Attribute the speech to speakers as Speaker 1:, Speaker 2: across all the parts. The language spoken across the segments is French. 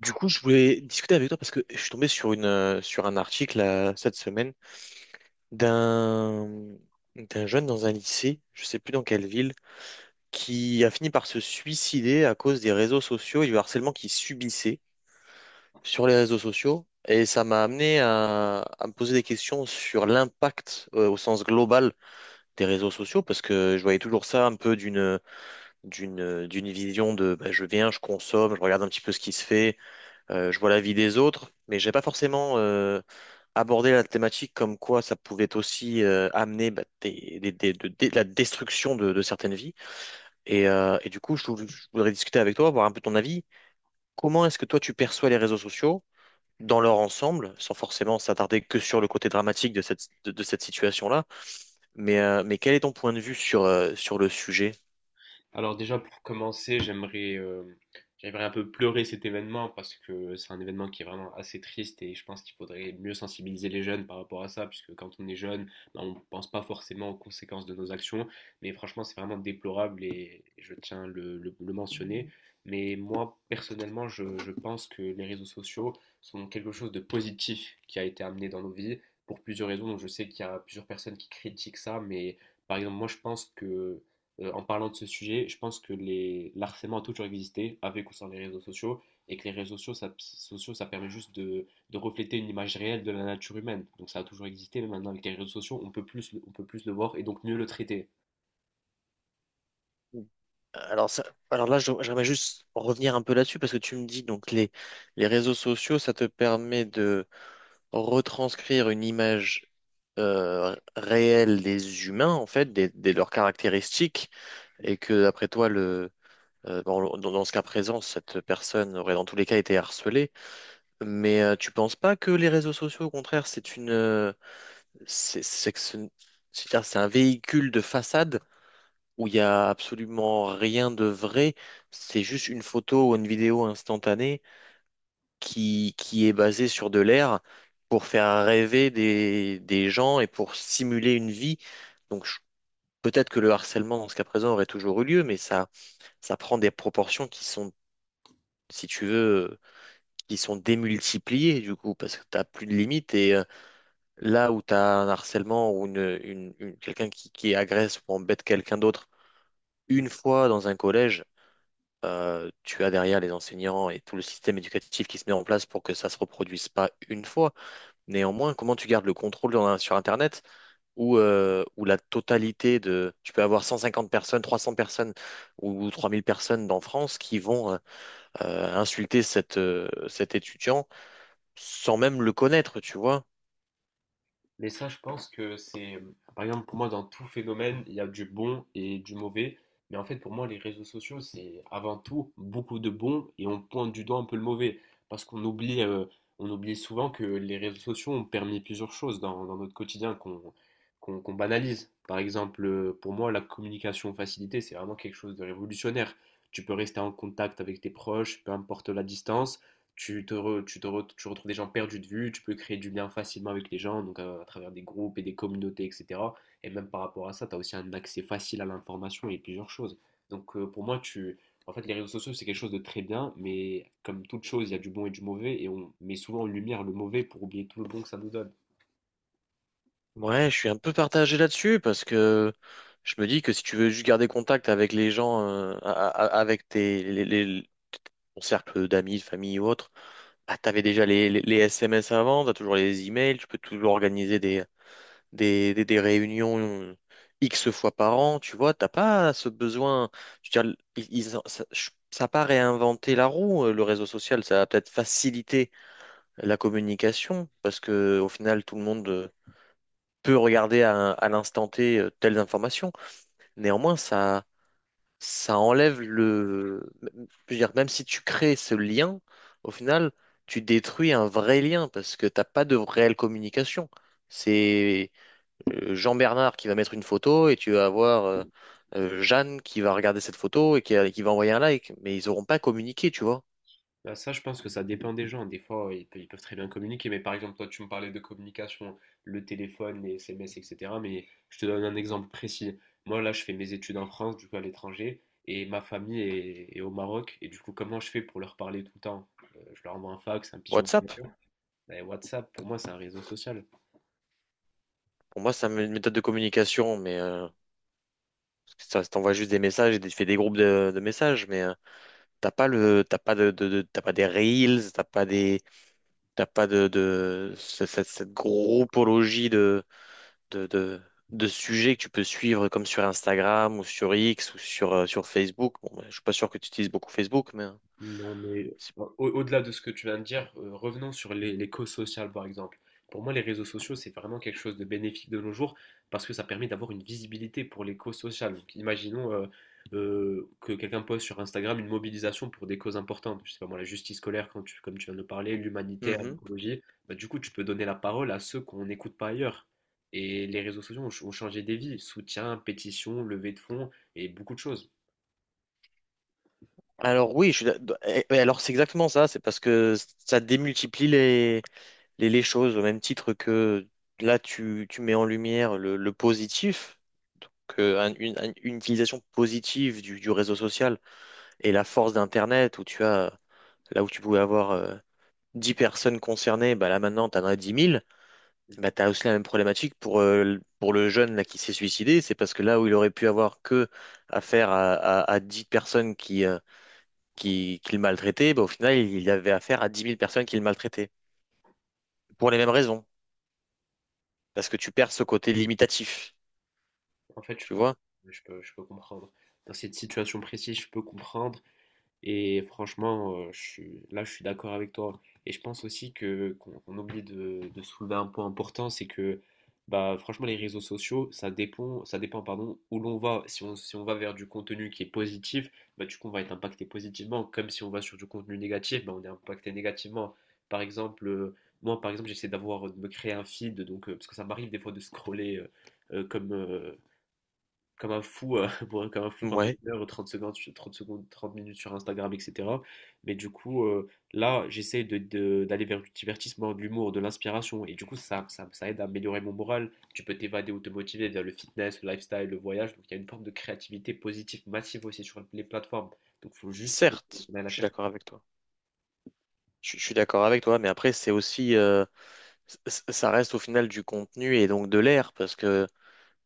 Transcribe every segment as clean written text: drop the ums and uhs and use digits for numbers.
Speaker 1: Du coup, je voulais discuter avec toi parce que je suis tombé sur sur un article cette semaine d'un d'un jeune dans un lycée, je sais plus dans quelle ville, qui a fini par se suicider à cause des réseaux sociaux et du harcèlement qu'il subissait sur les réseaux sociaux. Et ça m'a amené à me poser des questions sur l'impact au sens global des réseaux sociaux parce que je voyais toujours ça un peu d'une vision de bah, je viens, je consomme, je regarde un petit peu ce qui se fait. Je vois la vie des autres, mais j'ai pas forcément abordé la thématique comme quoi ça pouvait aussi amener bah, de la destruction de certaines vies. Et du coup, je voudrais discuter avec toi, voir un peu ton avis. Comment est-ce que toi tu perçois les réseaux sociaux dans leur ensemble, sans forcément s'attarder que sur le côté dramatique de de cette situation-là, mais quel est ton point de vue sur le sujet?
Speaker 2: Alors déjà pour commencer, j'aimerais un peu pleurer cet événement parce que c'est un événement qui est vraiment assez triste et je pense qu'il faudrait mieux sensibiliser les jeunes par rapport à ça puisque quand on est jeune, ben, on ne pense pas forcément aux conséquences de nos actions. Mais franchement, c'est vraiment déplorable et je tiens le mentionner. Mais moi personnellement, je pense que les réseaux sociaux sont quelque chose de positif qui a été amené dans nos vies pour plusieurs raisons. Donc je sais qu'il y a plusieurs personnes qui critiquent ça, mais par exemple, moi je pense que en parlant de ce sujet, je pense que l'harcèlement a toujours existé, avec ou sans les réseaux sociaux, et que les réseaux sociaux, ça permet juste de refléter une image réelle de la nature humaine. Donc ça a toujours existé, mais maintenant avec les réseaux sociaux, on peut plus le voir et donc mieux le traiter.
Speaker 1: Alors là, j'aimerais juste revenir un peu là-dessus parce que tu me dis donc les réseaux sociaux, ça te permet de retranscrire une image réelle des humains, en fait, des leurs caractéristiques, et que, après toi, bon, dans ce cas présent, cette personne aurait dans tous les cas été harcelée. Mais tu penses pas que les réseaux sociaux, au contraire, c'est une, c'est que ce- c'est-à-dire, c'est un véhicule de façade où il y a absolument rien de vrai, c'est juste une photo ou une vidéo instantanée qui est basé sur de l'air pour faire rêver des gens et pour simuler une vie. Donc je- Peut-être que le harcèlement dans ce cas présent aurait toujours eu lieu, mais ça prend des proportions qui sont, si tu veux, qui sont démultipliées du coup, parce que tu n'as plus de limites. Là où tu as un harcèlement ou quelqu'un qui agresse ou embête quelqu'un d'autre une fois dans un collège, tu as derrière les enseignants et tout le système éducatif qui se met en place pour que ça se reproduise pas une fois. Néanmoins, comment tu gardes le contrôle sur Internet où la totalité de... Tu peux avoir 150 personnes, 300 personnes ou 3000 personnes dans France qui vont insulter cet étudiant sans même le connaître, tu vois.
Speaker 2: Mais ça, je pense que c'est, par exemple, pour moi, dans tout phénomène, il y a du bon et du mauvais. Mais en fait, pour moi, les réseaux sociaux, c'est avant tout beaucoup de bon et on pointe du doigt un peu le mauvais. Parce qu'on oublie souvent que les réseaux sociaux ont permis plusieurs choses dans notre quotidien qu'on banalise. Par exemple, pour moi, la communication facilitée, c'est vraiment quelque chose de révolutionnaire. Tu peux rester en contact avec tes proches, peu importe la distance. Tu retrouves des gens perdus de vue, tu peux créer du lien facilement avec les gens, donc à travers des groupes et des communautés, etc. Et même par rapport à ça, tu as aussi un accès facile à l'information et plusieurs choses. Donc pour moi, en fait, les réseaux sociaux, c'est quelque chose de très bien, mais comme toute chose, il y a du bon et du mauvais, et on met souvent en lumière le mauvais pour oublier tout le bon que ça nous donne.
Speaker 1: Ouais, je suis un peu partagé là-dessus parce que je me dis que si tu veux juste garder contact avec les gens, a- a- a- avec tes, les- ton cercle d'amis, de famille ou autre, bah, t'avais déjà les SMS avant, t'as toujours les emails, tu peux toujours organiser des réunions X fois par an, tu vois, t'as pas ce besoin. Je veux dire, ils- ils ont- ça, je- ça a pas réinventé la roue, le réseau social, ça a peut-être facilité la communication, parce que au final, tout le monde peut regarder à l'instant T telles informations. Néanmoins, ça enlève le. Je veux dire, même si tu crées ce lien, au final, tu détruis un vrai lien, parce que t'as pas de réelle communication. C'est Jean-Bernard qui va mettre une photo et tu vas avoir Jeanne qui va regarder cette photo et qui va envoyer un like. Mais ils n'auront pas communiqué, tu vois.
Speaker 2: Bah, ça, je pense que ça dépend des gens. Des fois, ils peuvent très bien communiquer, mais par exemple, toi, tu me parlais de communication, le téléphone, les SMS, etc. Mais je te donne un exemple précis. Moi, là, je fais mes études en France, du coup, à l'étranger, et ma famille est au Maroc. Et du coup, comment je fais pour leur parler tout le temps? Je leur envoie un fax, un pigeon,
Speaker 1: WhatsApp,
Speaker 2: et WhatsApp, pour moi, c'est un réseau social.
Speaker 1: pour moi, c'est une méthode de communication, mais ça t'envoie juste des messages et fait des groupes de messages, mais t'as pas des reels, t'as pas cette groupologie de, de, de sujets que tu peux suivre comme sur Instagram ou sur X ou sur Facebook. Bon, ben, je suis pas sûr que tu utilises beaucoup Facebook, mais. Hein.
Speaker 2: Non, mais au-delà de ce que tu viens de dire, revenons sur les causes sociales, par exemple. Pour moi, les réseaux sociaux, c'est vraiment quelque chose de bénéfique de nos jours parce que ça permet d'avoir une visibilité pour les causes sociales. Donc, imaginons que quelqu'un poste sur Instagram une mobilisation pour des causes importantes. Je sais pas moi, la justice scolaire, comme tu viens de le parler, l'humanitaire,
Speaker 1: Mhm.
Speaker 2: l'écologie. Bah, du coup, tu peux donner la parole à ceux qu'on n'écoute pas ailleurs. Et les réseaux sociaux ont changé des vies. Soutien, pétition, levée de fonds et beaucoup de choses.
Speaker 1: Alors oui, je suis d'ac- eh, eh, alors c'est exactement ça, c'est parce que ça démultiplie les choses au même titre que là tu mets en lumière le positif, donc une utilisation positive du réseau social et la force d'Internet où tu as là où tu pouvais avoir 10 personnes concernées, bah là maintenant tu en as dix mille. Bah, tu as aussi la même problématique pour, pour le jeune là, qui s'est suicidé, c'est parce que là où il aurait pu avoir que affaire à 10 personnes qui le maltraitaient, bah, au final, il y avait affaire à dix mille personnes qui le maltraitaient. Pour les mêmes raisons. Parce que tu perds ce côté limitatif.
Speaker 2: En fait, je
Speaker 1: Tu
Speaker 2: peux, ouais,
Speaker 1: vois?
Speaker 2: je peux comprendre. Dans cette situation précise, je peux comprendre. Et franchement, là, je suis d'accord avec toi. Et je pense aussi que qu'on on oublie de soulever un point important, c'est que bah, franchement, les réseaux sociaux, ça dépend, pardon, où l'on va. Si on va vers du contenu qui est positif, bah, du coup, on va être impacté positivement. Comme si on va sur du contenu négatif, bah, on est impacté négativement. Par exemple, moi, par exemple, j'essaie d'avoir, de me créer un feed, donc, parce que ça m'arrive des fois de scroller. Euh, comme, euh, Comme un fou, comme un fou pendant
Speaker 1: Ouais,
Speaker 2: une heure, 30 secondes, 30 secondes, 30 minutes sur Instagram, etc. Mais du coup, là, j'essaie de, d'aller vers du divertissement, de l'humour, de l'inspiration. Et du coup, ça aide à améliorer mon moral. Tu peux t'évader ou te motiver via le fitness, le lifestyle, le voyage. Donc, il y a une forme de créativité positive massive aussi sur les plateformes. Donc, il faut juste qu'on
Speaker 1: certes,
Speaker 2: aille la
Speaker 1: je suis
Speaker 2: chercher.
Speaker 1: d'accord avec toi. Je suis d'accord avec toi, mais après, c'est aussi. C- Ça reste au final du contenu et donc de l'air. Parce que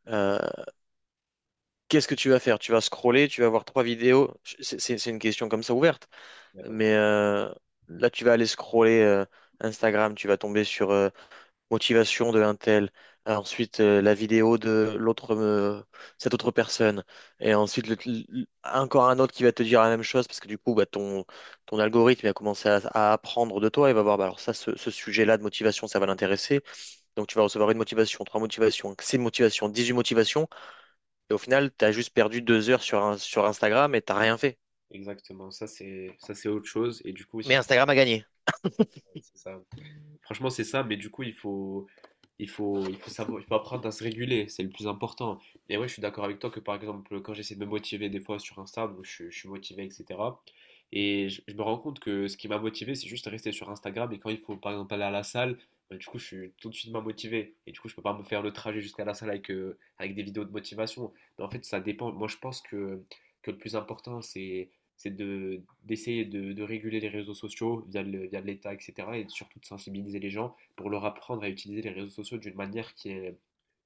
Speaker 1: euh, qu'est-ce que tu vas faire? Tu vas scroller, tu vas voir trois vidéos. C'est une question comme ça ouverte.
Speaker 2: Il y a pas de-
Speaker 1: Mais là, tu vas aller scroller Instagram, tu vas tomber sur. Motivation de un tel, ah, ensuite la vidéo de l'autre, cette autre personne, et ensuite encore un autre qui va te dire la même chose parce que du coup, bah, ton algorithme il va commencer à apprendre de toi, il va voir, bah, alors ça, ce sujet-là de motivation, ça va l'intéresser, donc tu vas recevoir une motivation, trois motivations, six motivations, 18 motivations, et au final, tu as juste perdu deux heures sur Instagram et t'as rien fait.
Speaker 2: Exactement. Ça, c'est autre chose. Et du coup,
Speaker 1: Mais
Speaker 2: aussi,
Speaker 1: Instagram a gagné.
Speaker 2: c'est ça. Franchement, c'est ça. Mais du coup, il faut savoir, il faut apprendre à se réguler, c'est le plus important. Et ouais, je suis d'accord avec toi que par exemple, quand j'essaie de me motiver des fois sur Insta, donc je suis motivé, etc. Et je me rends compte que ce qui m'a motivé, c'est juste rester sur Instagram. Et quand il faut par exemple aller à la salle, bah, du coup, je suis tout de suite moins motivé. Et du coup, je peux pas me faire le trajet jusqu'à la salle avec des vidéos de motivation. Mais en fait, ça dépend. Moi, je pense que le plus important, c'est de d'essayer de réguler les réseaux sociaux via de l'État, etc. Et surtout de sensibiliser les gens pour leur apprendre à utiliser les réseaux sociaux d'une manière qui est,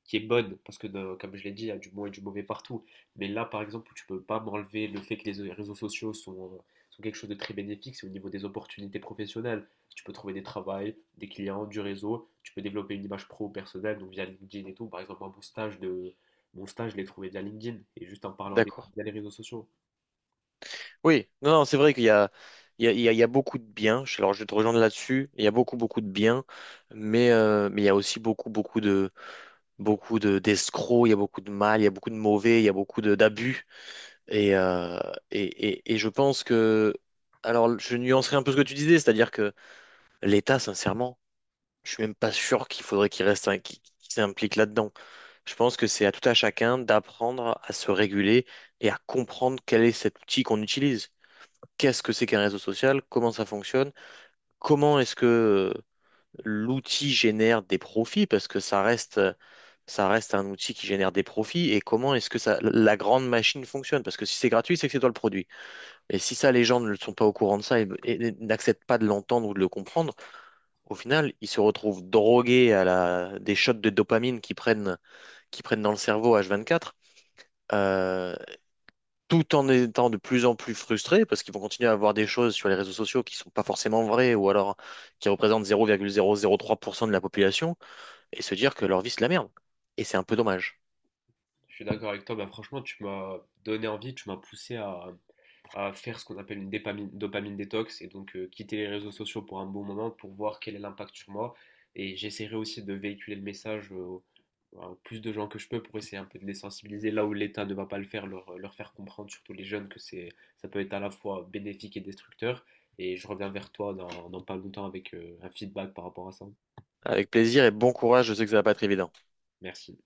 Speaker 2: qui est bonne, parce que comme je l'ai dit, il y a du bon et du mauvais partout. Mais là, par exemple, où tu peux pas m'enlever le fait que les réseaux sociaux sont quelque chose de très bénéfique, c'est au niveau des opportunités professionnelles. Tu peux trouver des travails, des clients, du réseau, tu peux développer une image pro personnelle, donc via LinkedIn et tout. Par exemple, moi, mon stage, je l'ai trouvé via LinkedIn, et juste en parlant à des
Speaker 1: D'accord.
Speaker 2: via les réseaux sociaux.
Speaker 1: Oui, non, non, c'est vrai qu'il y a, il y a, il y a il y a beaucoup de biens. Alors, je vais te rejoindre là-dessus. Il y a beaucoup, beaucoup de biens, mais il y a aussi beaucoup de d'escrocs. Il y a beaucoup de mal, il y a beaucoup de mauvais, il y a d'abus. Et, euh, et je pense que, alors, je nuancerai un peu ce que tu disais, c'est-à-dire que l'État, sincèrement, je suis même pas sûr qu'il faudrait qu'il reste, un- qu'il qu'il s'implique là-dedans. Je pense que c'est à tout à chacun d'apprendre à se réguler et à comprendre quel est cet outil qu'on utilise, qu'est-ce que c'est qu'un réseau social, comment ça fonctionne, comment est-ce que euh, l'outil génère des profits, parce que ça reste un outil qui génère des profits, et comment est-ce que ça, la grande machine fonctionne, parce que si c'est gratuit, c'est que c'est toi le produit. Et si ça, les gens ne sont pas au courant de ça et n'acceptent pas de l'entendre ou de le comprendre, au final, ils se retrouvent drogués à la, des shots de dopamine qu'ils prennent dans le cerveau H24, tout en étant de plus en plus frustrés parce qu'ils vont continuer à avoir des choses sur les réseaux sociaux qui sont pas forcément vraies ou alors qui représentent 0,003% de la population et se dire que leur vie c'est de la merde. Et c'est un peu dommage.
Speaker 2: Je suis d'accord avec toi, bah franchement, tu m'as donné envie, tu m'as poussé à faire ce qu'on appelle une dopamine détox et donc quitter les réseaux sociaux pour un bon moment pour voir quel est l'impact sur moi. Et j'essaierai aussi de véhiculer le message à plus de gens que je peux pour essayer un peu de les sensibiliser là où l'État ne va pas le faire, leur faire comprendre, surtout les jeunes, que c'est, ça peut être à la fois bénéfique et destructeur. Et je reviens vers toi dans pas longtemps avec un feedback par rapport à ça.
Speaker 1: Avec plaisir et bon courage, je sais que ça va pas être évident.
Speaker 2: Merci.